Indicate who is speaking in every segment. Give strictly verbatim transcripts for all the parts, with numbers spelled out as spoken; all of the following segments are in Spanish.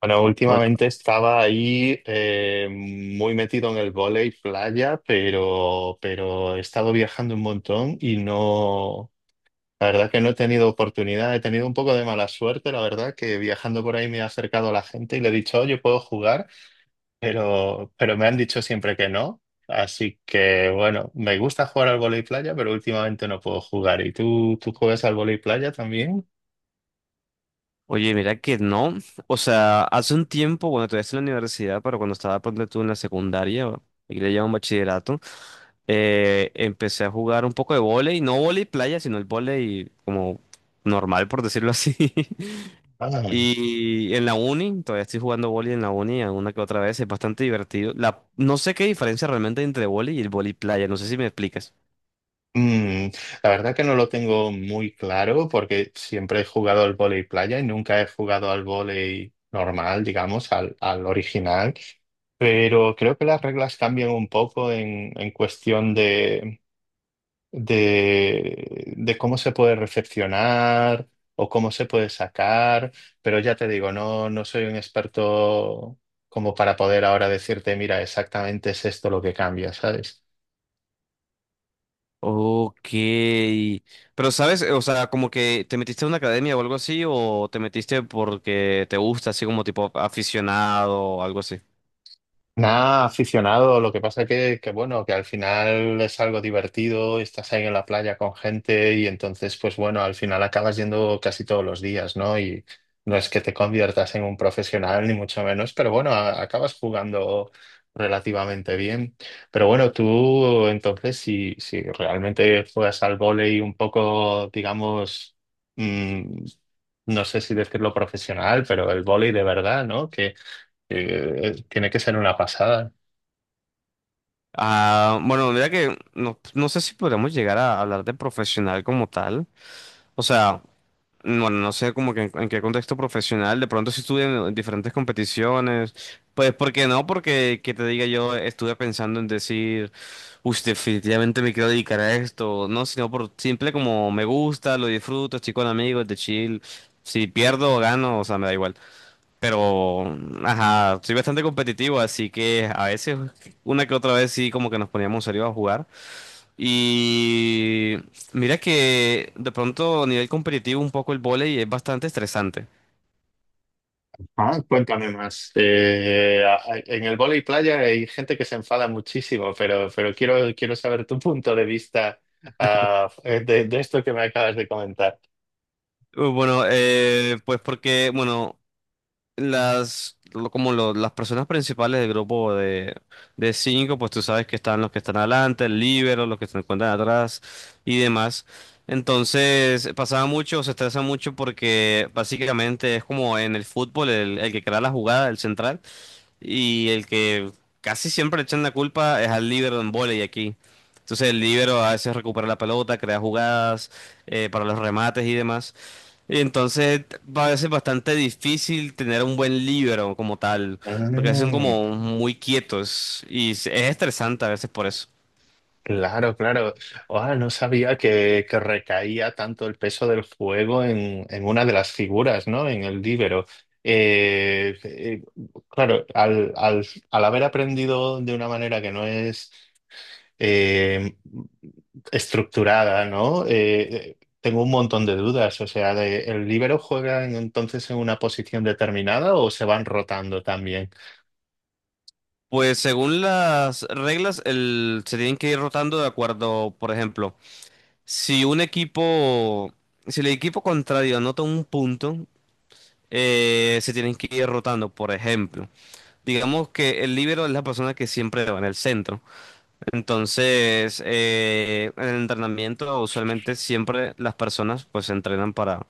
Speaker 1: Bueno,
Speaker 2: Hola.
Speaker 1: últimamente estaba ahí eh, muy metido en el vóley playa, pero, pero he estado viajando un montón y no, la verdad que no he tenido oportunidad, he tenido un poco de mala suerte, la verdad que viajando por ahí me he acercado a la gente y le he dicho, oye, puedo jugar, pero, pero me han dicho siempre que no. Así que bueno, me gusta jugar al vóley playa, pero últimamente no puedo jugar. ¿Y tú, tú juegas al vóley playa también?
Speaker 2: Oye, mira que no. O sea, hace un tiempo, bueno, todavía estoy en la universidad, pero cuando estaba ponte tú en la secundaria, o- y le llaman bachillerato. Eh, empecé a jugar un poco de vóley, no vóley playa, sino el vóley como normal, por decirlo así.
Speaker 1: Ah.
Speaker 2: Y en la uni, todavía estoy jugando vóley en la uni, alguna que otra vez, es bastante divertido. La, no sé qué diferencia realmente hay entre vóley y el vóley playa, no sé si me explicas.
Speaker 1: Mm, la verdad que no lo tengo muy claro porque siempre he jugado al vóley playa y nunca he jugado al vóley normal, digamos, al, al original. Pero creo que las reglas cambian un poco en, en cuestión de, de, de cómo se puede recepcionar o cómo se puede sacar. Pero ya te digo, no, no soy un experto como para poder ahora decirte, mira, exactamente es esto lo que cambia, ¿sabes?
Speaker 2: Ok, pero sabes, o sea, como que te metiste a una academia o algo así, o te metiste porque te gusta, así como tipo aficionado o algo así.
Speaker 1: Nada, aficionado. Lo que pasa que, que, bueno, que al final es algo divertido, estás ahí en la playa con gente y entonces, pues bueno, al final acabas yendo casi todos los días, ¿no? Y no es que te conviertas en un profesional, ni mucho menos, pero bueno, a- acabas jugando relativamente bien. Pero bueno, tú entonces, si, si realmente juegas al vóley un poco, digamos, mm, no sé si decirlo profesional, pero el vóley de verdad, ¿no? Que, eh, tiene que ser una pasada.
Speaker 2: Ah, bueno, mira que no, no sé si podríamos llegar a hablar de profesional como tal. O sea, bueno, no sé como que en, en qué contexto profesional, de pronto si estuve en diferentes competiciones, pues ¿por qué no? Porque que te diga yo estuve pensando en decir, uy, definitivamente me quiero dedicar a esto, no, sino por simple como me gusta, lo disfruto, estoy con amigos, de chill, si pierdo o gano, o sea, me da igual, pero, ajá, soy bastante competitivo, así que a veces, una que otra vez sí como que nos poníamos serios a jugar. Y mira que de pronto a nivel competitivo un poco el vóley es bastante estresante.
Speaker 1: Ah, cuéntame más. Eh, a- a- en el vóley playa hay gente que se enfada muchísimo, pero, pero quiero, quiero saber tu punto de vista ah, de, de esto que me acabas de comentar.
Speaker 2: Uh, Bueno, eh, pues porque, bueno, las, lo- como lo- las personas principales del grupo de, de cinco, pues tú sabes que están los que están adelante, el líbero, los que se encuentran atrás y demás. Entonces, pasaba mucho, se estresa mucho porque básicamente es como en el fútbol, el, el que crea la jugada, el central. Y el que casi siempre le echan la culpa es al líbero en vóley aquí. Entonces el líbero a veces recupera la pelota, crea jugadas eh, para los remates y demás. Y entonces va a veces bastante difícil tener un buen líbero como tal, porque son
Speaker 1: Mm,
Speaker 2: como muy quietos y es es estresante a veces por eso.
Speaker 1: claro, claro. Ah, no sabía que, que recaía tanto el peso del fuego en, en una de las figuras, ¿no? En el líbero. Eh, eh, claro, al, al, al haber aprendido de una manera que no es eh, estructurada, ¿no? Eh, eh, tengo un montón de dudas, o sea, de, ¿el líbero juega en- entonces en una posición determinada o se van rotando también?
Speaker 2: Pues según las reglas, el, se tienen que ir rotando de acuerdo, por ejemplo, si un equipo, si el equipo contrario anota un punto, eh, se tienen que ir rotando. Por ejemplo, digamos que el líbero es la persona que siempre va en el centro. Entonces, eh, en el entrenamiento, usualmente siempre las personas pues se entrenan para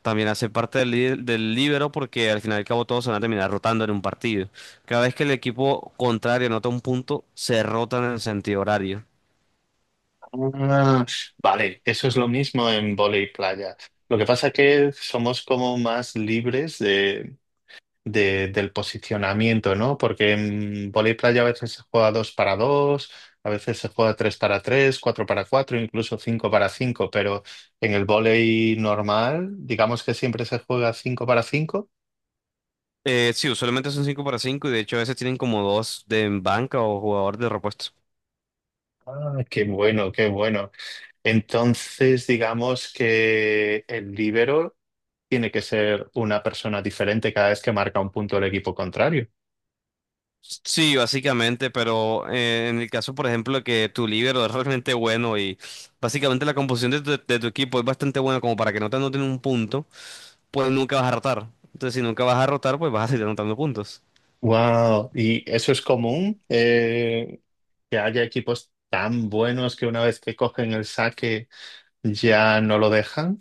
Speaker 2: también hacer parte del, lí- del líbero porque al final y al cabo todos se van a terminar rotando en un partido. Cada vez que el equipo contrario anota un punto, se rotan en el sentido horario.
Speaker 1: Ah, vale, eso es lo mismo en vóley playa. Lo que pasa es que somos como más libres de- del posicionamiento, ¿no? Porque en vóley playa a veces se juega dos para dos, a veces se juega tres para tres, cuatro para cuatro, incluso cinco para cinco, pero en el vóley normal, digamos que siempre se juega cinco para cinco.
Speaker 2: Eh, sí, usualmente son cinco para cinco y de hecho a veces tienen como dos de en banca o jugador de repuesto.
Speaker 1: Ah, qué bueno, qué bueno. Entonces, digamos que el líbero tiene que ser una persona diferente cada vez que marca un punto el equipo contrario.
Speaker 2: Sí, básicamente, pero eh, en el caso, por ejemplo, de que tu líbero es realmente bueno y básicamente la composición de tu, de tu equipo es bastante buena como para que no te anoten un punto, pues nunca vas a rotar. Entonces, si nunca vas a rotar, pues vas a seguir anotando puntos.
Speaker 1: Wow, ¿y eso es común? eh, que haya equipos tan buenos que una vez que cogen el saque ya no lo dejan.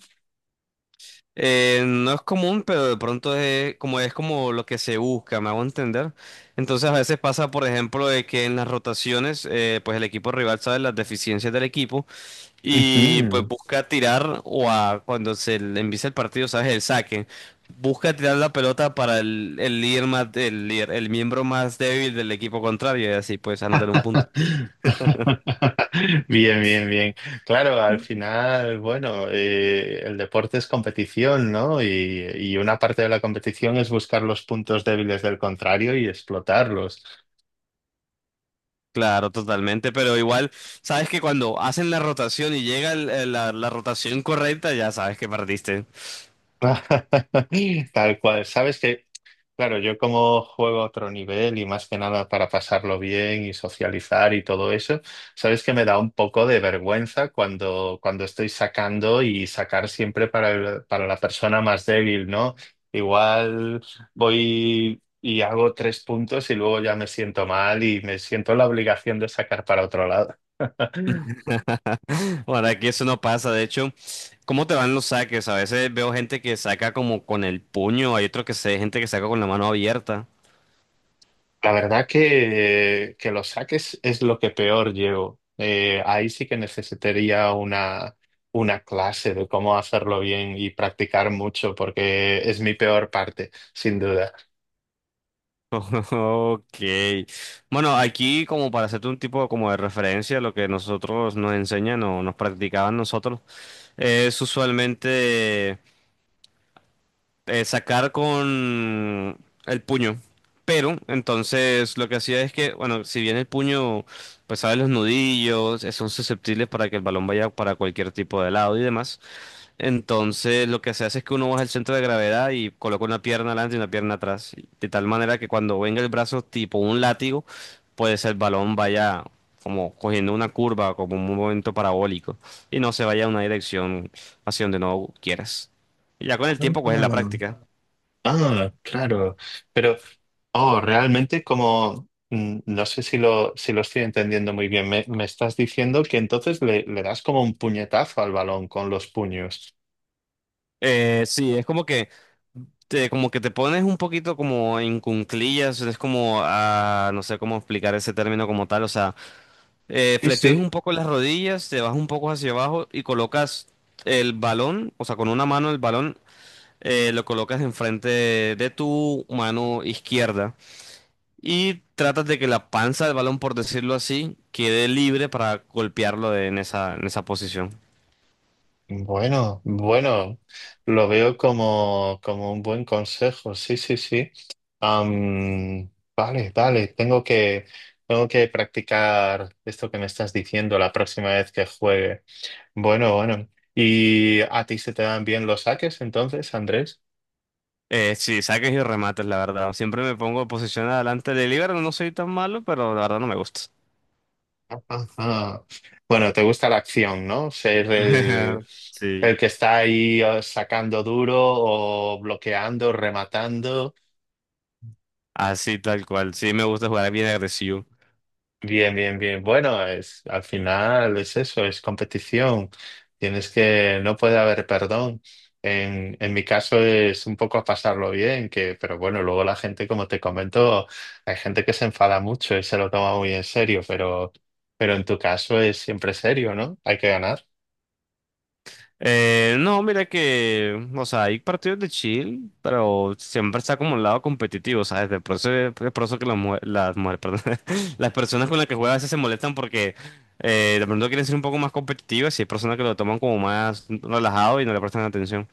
Speaker 2: Eh, no es común, pero de pronto es como, es como lo que se busca, me hago entender. Entonces, a veces pasa, por ejemplo, de que en las rotaciones, eh, pues el equipo rival sabe las deficiencias del equipo. Y pues
Speaker 1: Ujú.
Speaker 2: busca tirar o a cuando se le empieza el partido, sabes, el saque. Busca tirar la pelota para el, el líder más, el líder- el miembro más débil del equipo contrario y así pues anotar un punto.
Speaker 1: Bien, bien, bien. Claro, al final, bueno, eh, el deporte es competición, ¿no? Y, y una parte de la competición es buscar los puntos débiles del contrario y explotarlos.
Speaker 2: Claro, totalmente, pero igual sabes que cuando hacen la rotación y llega el- el- la, la rotación correcta, ya sabes que perdiste.
Speaker 1: Tal cual. ¿Sabes? Que. Claro, yo como juego a otro nivel y más que nada para pasarlo bien y socializar y todo eso, sabes que me da un poco de vergüenza cuando, cuando estoy sacando y sacar siempre para el- para la persona más débil, ¿no? Igual voy y hago tres puntos y luego ya me siento mal y me siento la obligación de sacar para otro lado.
Speaker 2: Bueno, aquí eso no pasa, de hecho, ¿cómo te van los saques? A veces veo gente que saca como con el puño, hay otros que se, gente que saca con la mano abierta.
Speaker 1: La verdad que, que los saques es lo que peor llevo. Eh, ahí sí que necesitaría una, una clase de cómo hacerlo bien y practicar mucho, porque es mi peor parte, sin duda.
Speaker 2: Ok. Bueno, aquí como para hacerte un tipo como de referencia, lo que nosotros nos enseñan o nos practicaban nosotros es usualmente, eh, sacar con el puño. Pero entonces lo que hacía es que, bueno, si bien el puño, pues sabe los nudillos, eh, son susceptibles para que el balón vaya para cualquier tipo de lado y demás. Entonces lo que se hace es que uno baja el centro de gravedad y coloca una pierna adelante y una pierna atrás, y de tal manera que cuando venga el brazo tipo un látigo, pues el balón vaya como cogiendo una curva, como un movimiento parabólico, y no se vaya a una dirección hacia donde no quieras. Y ya con el tiempo, pues es la práctica.
Speaker 1: Ah, ah, claro. Pero, oh, realmente como, mm, no sé si lo, si lo estoy entendiendo muy bien, me, me estás diciendo que entonces le, le das como un puñetazo al balón con los puños.
Speaker 2: Eh, sí, es como que te, como que te pones un poquito como en cunclillas, es como, ah, no sé cómo explicar ese término como tal, o sea, Eh,
Speaker 1: Sí,
Speaker 2: flexiones un
Speaker 1: sí.
Speaker 2: poco las rodillas, te vas un poco hacia abajo y colocas el balón, o sea, con una mano el balón, eh, lo colocas enfrente de tu mano izquierda y tratas de que la panza del balón, por decirlo así, quede libre para golpearlo de- en esa, en esa posición.
Speaker 1: Bueno, bueno, lo veo como, como un buen consejo, sí, sí, sí. Am, vale, vale, tengo que, tengo que practicar esto que me estás diciendo la próxima vez que juegue. Bueno, bueno. ¿Y a ti se te dan bien los saques entonces, Andrés?
Speaker 2: Eh, sí, saques y remates, la verdad. Siempre me pongo en posición adelante de libero, no soy tan malo, pero la verdad no me gusta.
Speaker 1: Ajá. Bueno, te gusta la acción, ¿no? Ser el,
Speaker 2: Sí,
Speaker 1: el que está ahí eh, sacando duro o bloqueando, rematando.
Speaker 2: así tal cual. Sí, me gusta jugar bien agresivo.
Speaker 1: Bien, bien, bien. Bueno, es, al final es eso, es competición. Tienes que, no puede haber perdón. En, en mi caso es un poco a pasarlo bien, que, pero bueno, luego la gente, como te comento, hay gente que se enfada mucho y se lo toma muy en serio, pero, pero en tu caso es siempre serio, ¿no? Hay que ganar.
Speaker 2: Eh, no, mira que, o sea, hay partidos de chill, pero siempre está como un lado competitivo, ¿sabes? De por eso, de por eso que las mujeres, las mujeres, perdón, las personas con las que juega a veces se molestan porque, eh, de pronto quieren ser un poco más competitivas y hay personas que lo toman como más relajado y no le prestan atención.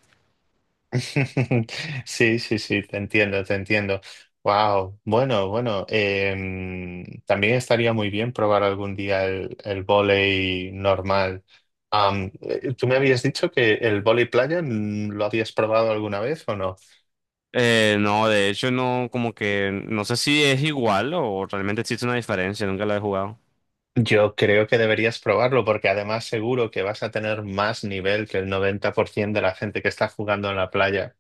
Speaker 1: Sí, sí, sí, te entiendo, te entiendo. Wow, bueno, bueno, em, también estaría muy bien probar algún día el, el vóley normal. Am, eh, ¿tú me habías dicho que el vóley playa mm, lo habías probado alguna vez o no?
Speaker 2: Eh, no, de hecho, no, como que, no sé si es igual o realmente existe una diferencia, nunca la he jugado.
Speaker 1: Yo creo que deberías probarlo porque además seguro que vas a tener más nivel que el noventa por ciento de la gente que está jugando en la playa.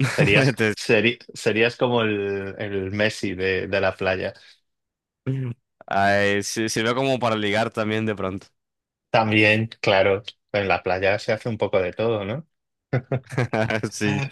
Speaker 1: Serías,
Speaker 2: Entonces,
Speaker 1: seri- serías como el, el Messi de de la playa.
Speaker 2: ay, sí, sirve como para ligar también de pronto.
Speaker 1: También, claro, en la playa se hace un poco de todo, ¿no?
Speaker 2: Sí.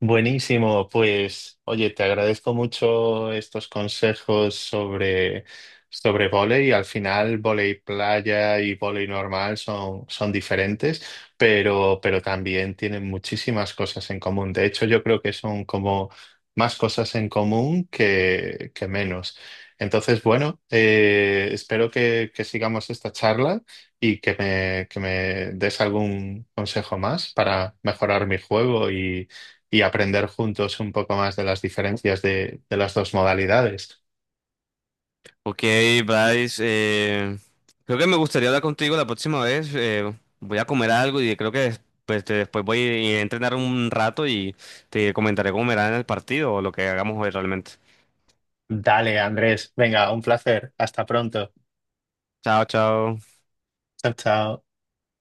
Speaker 1: Buenísimo, pues oye, te agradezco mucho estos consejos sobre, sobre vóley. Al final, vóley playa y vóley normal son, son diferentes, pero, pero también tienen muchísimas cosas en común. De hecho, yo creo que son como más cosas en común que, que menos. Entonces, bueno, eh, espero que, que sigamos esta charla y que me, que me des algún consejo más para mejorar mi juego y aprender juntos un poco más de las diferencias de, de las dos modalidades.
Speaker 2: Ok, Bryce, eh, creo que me gustaría hablar contigo la próxima vez. Eh, voy a comer algo y creo que des- pues, te- después voy a entrenar un rato y te comentaré cómo me irá en el partido o lo que hagamos hoy realmente.
Speaker 1: Dale, Andrés. Venga, un placer. Hasta pronto.
Speaker 2: Chao, chao.
Speaker 1: Chao, chao.